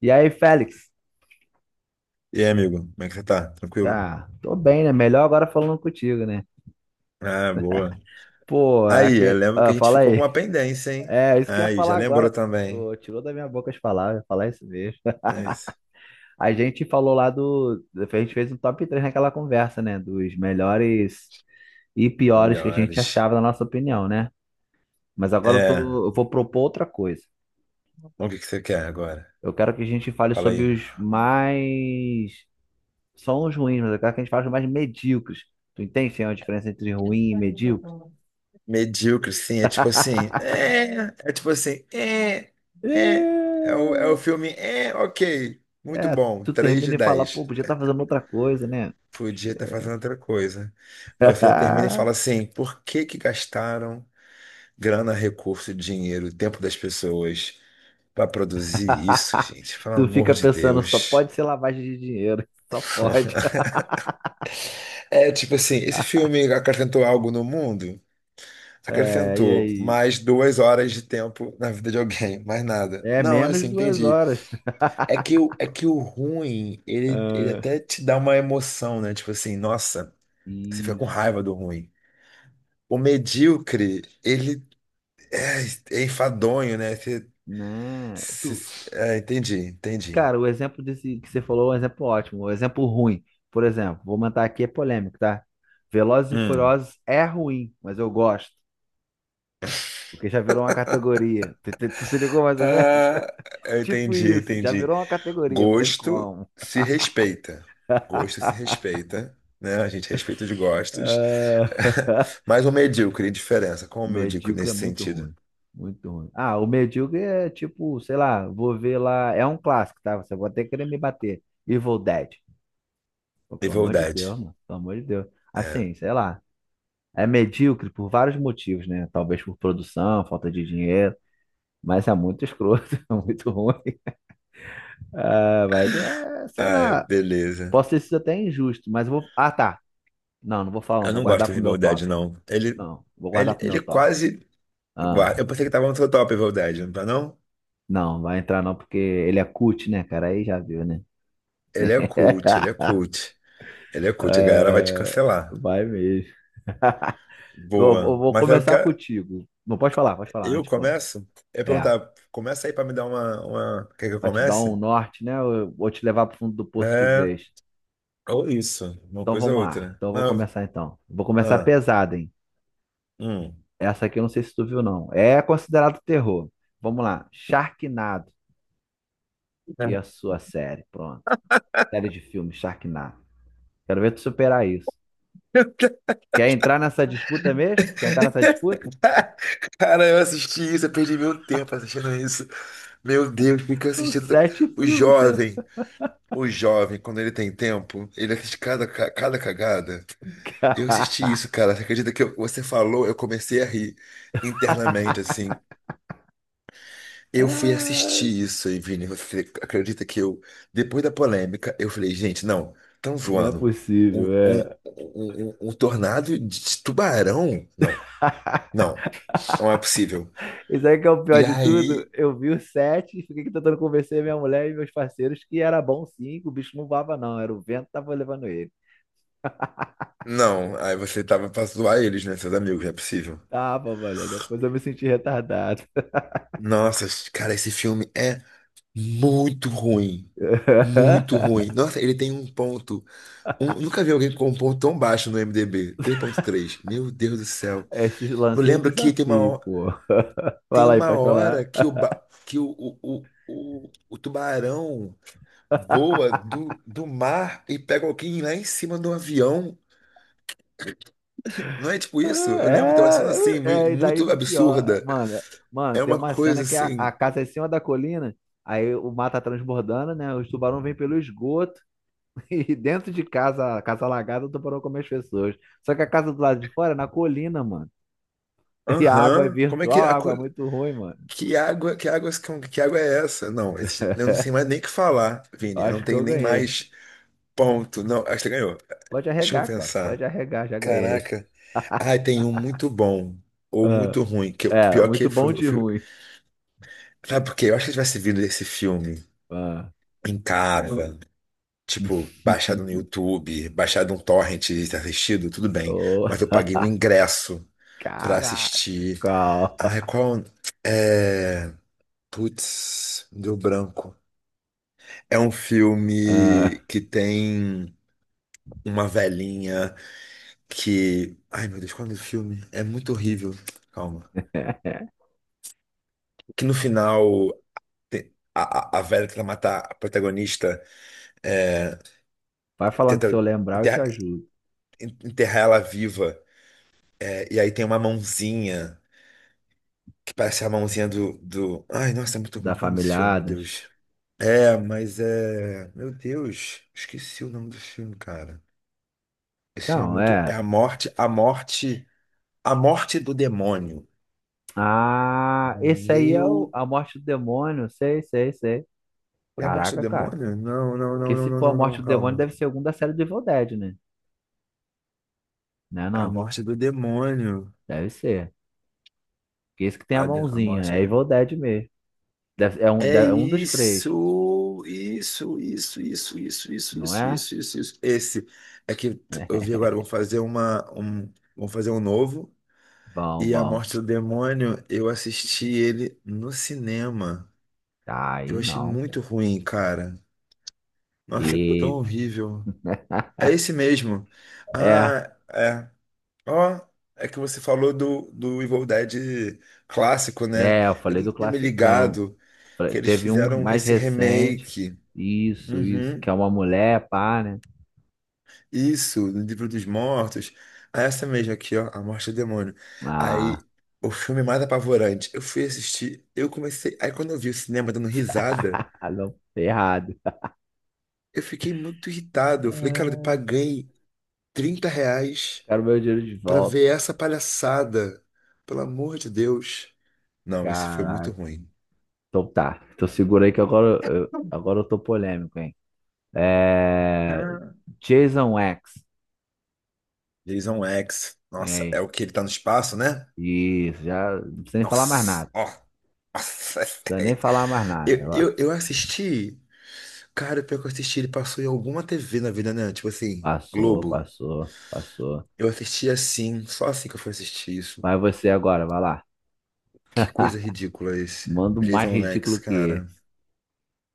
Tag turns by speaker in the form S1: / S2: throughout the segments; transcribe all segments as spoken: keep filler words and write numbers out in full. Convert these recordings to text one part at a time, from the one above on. S1: E aí, Félix?
S2: E aí, amigo, como é que você tá? Tranquilo?
S1: Ah, tô bem, né? Melhor agora falando contigo, né?
S2: Ah, boa.
S1: Pô,
S2: Aí, eu
S1: aqui,
S2: lembro que a
S1: ah,
S2: gente
S1: fala
S2: ficou
S1: aí.
S2: com uma pendência, hein?
S1: É, isso que eu ia
S2: Aí,
S1: falar
S2: já lembrou
S1: agora.
S2: também.
S1: Tu tirou da minha boca as palavras, eu ia falar isso mesmo.
S2: É isso.
S1: A gente falou lá do. A gente fez um top três naquela conversa, né? Dos melhores e piores que a gente
S2: Melhores.
S1: achava, na nossa opinião, né? Mas agora eu
S2: É,
S1: tô, eu vou propor outra coisa.
S2: bom, o que que você quer agora?
S1: Eu quero que a gente fale
S2: Fala
S1: sobre
S2: aí.
S1: os mais. São os ruins, mas eu quero que a gente fale os mais medíocres. Tu entende, sim, a diferença entre ruim e medíocre?
S2: Medíocre, sim, é tipo assim. É, é tipo assim. É,
S1: É,
S2: é. É o, é o filme. É, ok. Muito
S1: é,
S2: bom.
S1: tu
S2: Três
S1: termina
S2: de
S1: e fala,
S2: 10.
S1: pô, podia estar fazendo outra coisa, né?
S2: Podia estar fazendo outra coisa. Aí você termina e fala assim: por que que gastaram grana, recurso, dinheiro, tempo das pessoas? Pra produzir isso, gente, pelo
S1: Tu
S2: amor
S1: fica
S2: de
S1: pensando, só
S2: Deus.
S1: pode ser lavagem de dinheiro, só pode.
S2: É, tipo assim, esse filme acrescentou algo no mundo?
S1: É, e
S2: Acrescentou
S1: aí?
S2: mais duas horas de tempo na vida de alguém, mais nada.
S1: É
S2: Não, é
S1: menos
S2: assim,
S1: de duas
S2: entendi.
S1: horas.
S2: É que o, é que o ruim, ele, ele
S1: Ah,
S2: até te dá uma emoção, né? Tipo assim, nossa, você fica com
S1: isso,
S2: raiva do ruim. O medíocre, ele é, é enfadonho, né? Você-
S1: né? Tu,
S2: você- é, entendi, entendi.
S1: cara, o exemplo desse que você falou é um exemplo ótimo, um exemplo ruim. Por exemplo, vou mandar aqui é polêmico, tá? Velozes e
S2: Hum.
S1: Furiosos é ruim, mas eu gosto, porque já virou uma categoria. Tu, tu- tu se ligou mais ou menos?
S2: Ah, eu
S1: Tipo
S2: entendi,
S1: isso, já
S2: entendi.
S1: virou uma categoria, não tem
S2: Gosto
S1: como.
S2: se respeita. Gosto se respeita, né? A gente respeita os gostos.
S1: Ah,
S2: Mas o medíocre, diferença. Qual o medíocre
S1: medíocre é
S2: nesse
S1: muito
S2: sentido?
S1: ruim. Muito ruim. Ah, o medíocre é tipo, sei lá, vou ver lá. É um clássico, tá? Você vai até querer me bater. Evil Dead. Pô, pelo amor de
S2: Rivalidade.
S1: Deus, mano. Pelo amor de Deus.
S2: É.
S1: Assim, sei lá. É medíocre por vários motivos, né? Talvez por produção, falta de dinheiro. Mas é muito escroto, é muito ruim. Ah, mas é, sei
S2: Ah, é,
S1: lá.
S2: beleza.
S1: Posso ter sido até injusto, mas eu vou. Ah, tá. Não, não vou falar, não.
S2: Eu
S1: Vou
S2: não gosto
S1: guardar
S2: de
S1: pro meu
S2: rivalidade,
S1: top.
S2: não. Ele,
S1: Não, vou guardar
S2: ele,
S1: pro meu
S2: ele
S1: top.
S2: quase.
S1: Ah,
S2: guarda- Eu pensei que tava no seu top rivalidade, não tá, não?
S1: não, vai entrar não, porque ele é cut, né, cara? Aí já viu, né?
S2: Ele é cult, ele é cult. Ele é cult, a galera vai te cancelar.
S1: Vai mesmo. Eu, eu
S2: Boa.
S1: vou
S2: Mas eu
S1: começar
S2: quero.
S1: contigo. Não pode falar, pode falar
S2: Eu
S1: antes, pô.
S2: começo? Eu ia
S1: É,
S2: perguntar, começa aí pra me dar uma, uma. Quer que eu
S1: pra te dar um
S2: comece?
S1: norte, né? Eu vou te levar pro fundo do poço de
S2: É,
S1: vez.
S2: ou isso, uma
S1: Então
S2: coisa
S1: vamos
S2: ou
S1: lá.
S2: outra.
S1: Então eu vou
S2: Mas,
S1: começar então. Vou começar
S2: ah,
S1: pesado, hein?
S2: hum.
S1: Essa aqui eu não sei se tu viu, não. É considerado terror. Vamos lá. Sharknado e a sua série. Pronto. Série de filmes, Sharknado. Quero ver tu superar isso. Quer entrar nessa disputa mesmo? Tu quer entrar nessa disputa?
S2: Cara, eu assisti isso, eu perdi meu tempo assistindo isso. Meu Deus, fica
S1: São
S2: assistindo.
S1: sete
S2: O
S1: filmes, né,
S2: jovem, o jovem, quando ele tem tempo, ele assiste cada, ca- cada cagada. Eu assisti
S1: cara.
S2: isso, cara. Você acredita que eu- você falou, eu comecei a rir internamente, assim. Eu fui
S1: Ai,
S2: assistir isso aí, Vini. Você acredita que eu, depois da polêmica, eu falei, gente, não, estão
S1: não é
S2: zoando. Um,
S1: possível,
S2: um, um,
S1: é.
S2: um- um um tornado de tubarão? Não, não, não é possível.
S1: Isso aí que é o pior
S2: E
S1: de tudo.
S2: aí,
S1: Eu vi os sete e fiquei aqui tentando convencer minha mulher e meus parceiros que era bom sim, que o bicho não voava, não. Era o vento que tava levando ele.
S2: não, aí você tava pra zoar eles, né, seus amigos, não é possível.
S1: Tava, olha, depois eu me senti retardado.
S2: Nossa, cara, esse filme é muito ruim. Muito ruim. Nossa, ele tem um ponto. Um- nunca vi alguém com um ponto tão baixo no i m d b. Três ponto três. Meu Deus do céu.
S1: Esse
S2: Eu
S1: lancei o
S2: lembro que tem uma.
S1: desafio, pô. Vai
S2: Tem
S1: lá aí,
S2: uma
S1: pode falar.
S2: hora que o, ba- que o, o, o, o, o tubarão voa do, do mar e pega alguém lá em cima do avião. Não é tipo isso? Eu lembro,
S1: É,
S2: tem uma cena assim,
S1: é,
S2: meio-
S1: é, e daí
S2: muito
S1: pra pior. É,
S2: absurda.
S1: Mano, mano,
S2: É
S1: tem
S2: uma
S1: uma cena
S2: coisa
S1: que a, a
S2: assim.
S1: casa é em cima da colina, aí o mar tá transbordando, né? Os tubarões vêm pelo esgoto e dentro de casa, a casa alagada, o tubarão come as pessoas. Só que a casa do lado de fora é na colina, mano. E a água é
S2: Aham, como é que
S1: virtual,
S2: a
S1: a água
S2: co-
S1: é muito ruim, mano.
S2: Que água, que água, que água é essa? Não, esse- eu não sei mais nem o que falar, Vini. Eu não
S1: Acho que
S2: tenho
S1: eu
S2: nem
S1: ganhei.
S2: mais ponto. Não, acho que você ganhou.
S1: Pode
S2: Deixa eu
S1: arregar, cara. Pode
S2: pensar.
S1: arregar, já ganhei.
S2: Caraca. Ah, tem um muito bom ou
S1: Ah,
S2: muito ruim. Que eu-
S1: é,
S2: pior
S1: muito
S2: que foi,
S1: bom de ruim.
S2: sabe por quê? Eu acho que se tivesse vindo esse filme
S1: Ah.
S2: em casa, hum, tipo, baixado no YouTube, baixado um torrent e assistido, tudo bem.
S1: Oh,
S2: Mas eu paguei um ingresso pra
S1: Caraca.
S2: assistir. Ai, qual. É. Putz, deu branco. É um
S1: Ah,
S2: filme que tem uma velhinha que. Ai, meu Deus, qual é o nome do filme? É muito horrível. Calma. Que no final tem- a, a, a velha tenta matar a protagonista, é,
S1: vai falando que
S2: tenta
S1: se eu lembrar, eu te
S2: enterra-
S1: ajudo.
S2: enterrar ela viva. É, e aí tem uma mãozinha, que parece a mãozinha do, do... Ai, nossa, é muito ruim.
S1: Da
S2: Qual é o nome desse
S1: família
S2: filme, meu
S1: Adams.
S2: Deus? É, mas é... Meu Deus, esqueci o nome do filme, cara. Esse filme é
S1: Não,
S2: muito... É
S1: é.
S2: a morte, a morte, a morte do demônio.
S1: Ah, esse aí é o,
S2: Meu...
S1: a morte do demônio. Sei, sei, sei.
S2: É a morte do
S1: Caraca, cara.
S2: demônio? Não, não, não,
S1: Porque
S2: não,
S1: se
S2: não,
S1: for a
S2: não,
S1: morte
S2: não,
S1: do demônio,
S2: calma.
S1: deve ser algum da série do Evil Dead, né? Não é
S2: A
S1: não?
S2: morte do demônio.
S1: Deve ser. Porque esse que tem a
S2: A, de- a
S1: mãozinha. É
S2: morte.
S1: Evil Dead mesmo. Deve- é, um, de-
S2: É
S1: é um dos três,
S2: isso, isso, isso, isso, isso, isso,
S1: não
S2: isso,
S1: é?
S2: isso, isso, isso. Esse é que t- eu vi agora, vão fazer uma, um, vão fazer um novo.
S1: Bom,
S2: E A
S1: bom.
S2: Morte do Demônio, eu assisti ele no cinema.
S1: Tá
S2: Eu
S1: aí
S2: achei
S1: não, pô.
S2: muito ruim, cara. Nossa, é tão
S1: Eita.
S2: horrível. É esse mesmo.
S1: É,
S2: Ah, é. Ó, é que você falou do, do Evil Dead clássico, né?
S1: é, eu
S2: Eu
S1: falei
S2: nem
S1: do
S2: tinha me
S1: classicão.
S2: ligado
S1: Falei,
S2: que eles
S1: teve um
S2: fizeram
S1: mais
S2: esse
S1: recente.
S2: remake.
S1: Isso, isso,
S2: Uhum.
S1: que é uma mulher, pá, né?
S2: Isso, no livro dos mortos. Ah, essa mesmo aqui, ó, A Morte do Demônio.
S1: Ah,
S2: Aí, o filme mais apavorante. Eu fui assistir, eu comecei. Aí, quando eu vi o cinema dando risada,
S1: não, errado.
S2: eu fiquei muito irritado. Eu falei, cara, eu
S1: Ah,
S2: paguei trinta reais
S1: quero meu dinheiro de
S2: pra
S1: volta.
S2: ver essa palhaçada. Pelo amor de Deus. Não, esse foi muito
S1: Caraca.
S2: ruim.
S1: Então tá. Então segura aí que agora eu, agora eu tô polêmico, hein? É.
S2: Ah.
S1: Jason X.
S2: Jason X.
S1: E
S2: Nossa, é
S1: aí?
S2: o que ele tá no espaço, né?
S1: Isso, já não precisa nem falar mais
S2: Nossa,
S1: nada.
S2: ó.
S1: Não
S2: Nossa,
S1: precisa nem falar mais nada.
S2: eu,
S1: Ó,
S2: eu, eu assisti. Cara, pior que eu assisti, ele passou em alguma T V na vida, né? Tipo assim,
S1: passou,
S2: Globo.
S1: passou, passou.
S2: Eu assisti assim, só assim que eu fui assistir isso.
S1: Vai você agora, vai lá.
S2: Que coisa ridícula esse.
S1: Manda um mais
S2: Jason Lex,
S1: ridículo que
S2: cara.
S1: esse.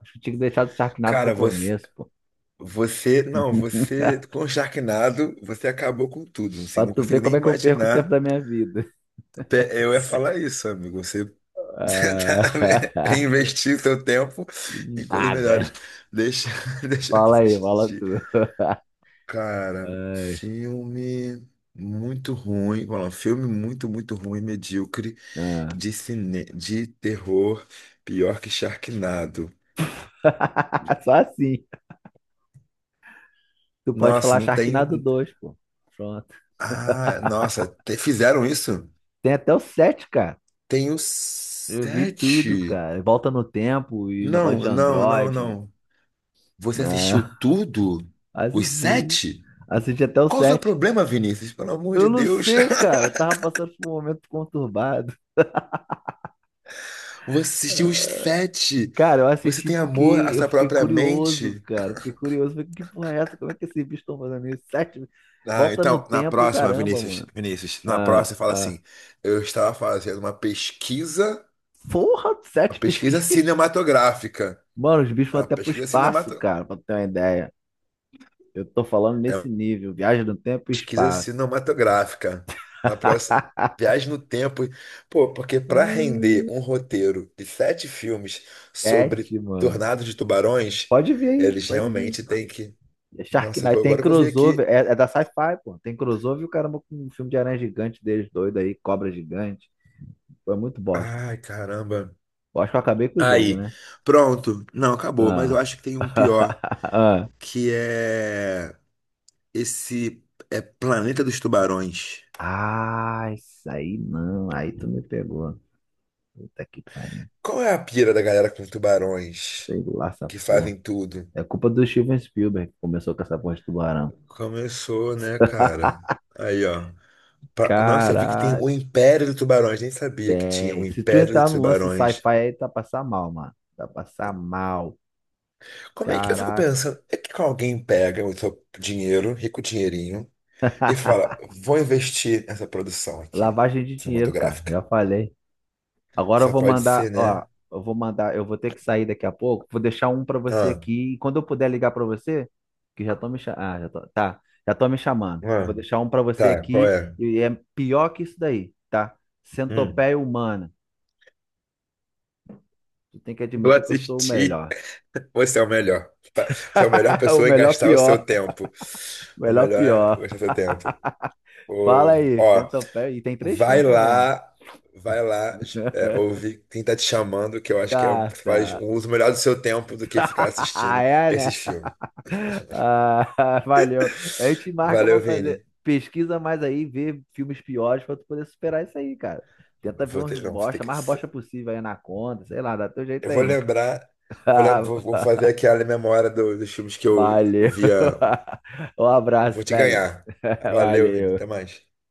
S1: Acho que tinha que deixar o Sharknado pro
S2: Cara, você.
S1: começo, pô.
S2: Você. Não, você. Com o Sharknado, você acabou com tudo. Assim,
S1: Pra
S2: não
S1: tu ver
S2: consigo nem
S1: como é que eu perco o tempo
S2: imaginar.
S1: da minha vida.
S2: Pe- Eu ia falar isso, amigo. Você. Você tá
S1: Ah,
S2: investir seu tempo em coisas
S1: nada.
S2: melhores. Deixa, deixa eu
S1: Fala aí, fala
S2: assistir.
S1: tu.
S2: Cara,
S1: Ai,
S2: filme muito ruim, vamos lá, filme muito, muito ruim, medíocre
S1: ah.
S2: de cine, de terror, pior que Sharknado.
S1: Só assim. Tu pode
S2: Nossa,
S1: falar
S2: não tem.
S1: Sharknado
S2: Um,
S1: dois, pô. Pronto.
S2: Ah, nossa, te- fizeram isso?
S1: Tem até o sete, cara.
S2: Tem os
S1: Eu vi tudo,
S2: sete.
S1: cara. Volta no tempo e negócio
S2: Não,
S1: de
S2: não, não,
S1: Android.
S2: não. Você assistiu
S1: Ah,
S2: tudo? Os
S1: assisti.
S2: sete?
S1: Assisti até o
S2: Qual o seu
S1: sete.
S2: problema, Vinícius? Pelo amor
S1: Eu
S2: de
S1: não
S2: Deus.
S1: sei, cara. Eu tava passando por um momento conturbado.
S2: Você assistiu os sete.
S1: Cara, eu
S2: Você
S1: assisti
S2: tem
S1: porque
S2: amor à
S1: eu
S2: sua
S1: fiquei
S2: própria
S1: curioso,
S2: mente?
S1: cara. Fiquei curioso. Falei, que porra é essa? Como é que esses bichos estão fazendo isso? Sete.
S2: Ah,
S1: Volta no
S2: então, na
S1: tempo e o
S2: próxima,
S1: caramba,
S2: Vinícius,
S1: mano.
S2: Vinícius, na
S1: Ah,
S2: próxima fala
S1: ah.
S2: assim: eu estava fazendo uma pesquisa,
S1: Porra,
S2: uma
S1: sete
S2: pesquisa
S1: pesquisas.
S2: cinematográfica.
S1: Mano, os bichos
S2: É
S1: vão
S2: uma
S1: até pro
S2: pesquisa
S1: espaço,
S2: cinemato...
S1: cara, pra ter uma ideia. Eu tô falando
S2: é
S1: nesse
S2: uma
S1: nível. Viagem no tempo e
S2: pesquisa
S1: espaço.
S2: cinematográfica. Na próxima, viagem no tempo. Pô, porque para render
S1: Hum,
S2: um roteiro de sete filmes sobre
S1: Sete, mano.
S2: Tornado de Tubarões,
S1: Pode vir aí,
S2: eles
S1: pode vir.
S2: realmente têm que.
S1: É
S2: Nossa,
S1: Sharknado tem
S2: agora que eu vi
S1: crossover,
S2: aqui.
S1: é, é da Sci-Fi, pô. Tem crossover e o caramba com um filme de aranha gigante deles doido aí, cobra gigante. Foi muito bosta.
S2: Ai, caramba.
S1: Eu acho que eu acabei com o jogo,
S2: Aí,
S1: né?
S2: pronto. Não, acabou, mas eu
S1: Ah.
S2: acho que tem um pior, que é esse, é Planeta dos Tubarões.
S1: Ah, ah, isso aí não. Aí tu me pegou. Puta que pariu.
S2: Qual é a pira da galera com tubarões
S1: Sei lá essa
S2: que
S1: porra.
S2: fazem tudo?
S1: É culpa do Steven Spielberg que começou com essa porra de tubarão.
S2: Começou, né, cara? Aí, ó. Pa- Nossa, eu vi que tem
S1: Caraca.
S2: o Império dos Tubarões, nem sabia que tinha
S1: É,
S2: o
S1: se tu
S2: Império
S1: entrar
S2: dos
S1: no lance de sci-fi
S2: Tubarões.
S1: aí, tá passar mal, mano. Tá passar mal.
S2: Como é que eu fico
S1: Caraca.
S2: pensando? É que alguém pega o seu dinheiro, rico dinheirinho, e fala: vou investir nessa produção aqui,
S1: Lavagem de dinheiro, cara.
S2: cinematográfica.
S1: Já falei. Agora eu
S2: Só
S1: vou
S2: pode
S1: mandar,
S2: ser,
S1: ó,
S2: né?
S1: eu vou mandar, eu vou ter que sair daqui a pouco. Vou deixar um pra você
S2: Ah,
S1: aqui e quando eu puder ligar pra você, que já tô me chamando, ah, já tô, tá, já tô me chamando. Eu vou
S2: ah,
S1: deixar um pra você
S2: tá, qual
S1: aqui
S2: é?
S1: e é pior que isso daí, tá?
S2: Hum.
S1: Centopeia humana. Tu tem que
S2: Eu
S1: admitir que eu sou o
S2: assisti.
S1: melhor.
S2: Você é o melhor. Você é a melhor
S1: O
S2: pessoa em
S1: melhor
S2: gastar o seu
S1: pior,
S2: tempo.
S1: o
S2: O
S1: melhor
S2: melhor é
S1: pior.
S2: gastar o seu tempo. Ô,
S1: Fala aí,
S2: ó,
S1: Centopeia. E tem três
S2: vai
S1: filmes também.
S2: lá, vai lá, é, ouvir quem tá te chamando, que eu acho que é, o-
S1: Tá,
S2: faz
S1: tá.
S2: um uso melhor do seu tempo do que ficar assistindo
S1: É,
S2: esses
S1: né?
S2: filmes.
S1: Ah, valeu. A gente marca
S2: Valeu,
S1: pra fazer.
S2: Vini.
S1: Pesquisa mais aí, vê filmes piores pra tu poder superar isso aí, cara. Tenta ver
S2: Vou
S1: uns
S2: ter, não, vou ter
S1: bosta,
S2: que.
S1: mais bosta possível aí na conta, sei lá, dá teu jeito
S2: Eu vou
S1: aí.
S2: lembrar, vou, lem- vou vou fazer aquela memória do- dos filmes que eu
S1: Valeu.
S2: via.
S1: Um
S2: Eu vou
S1: abraço,
S2: te
S1: Félix.
S2: ganhar. Valeu, Vini. Até
S1: Valeu.
S2: mais.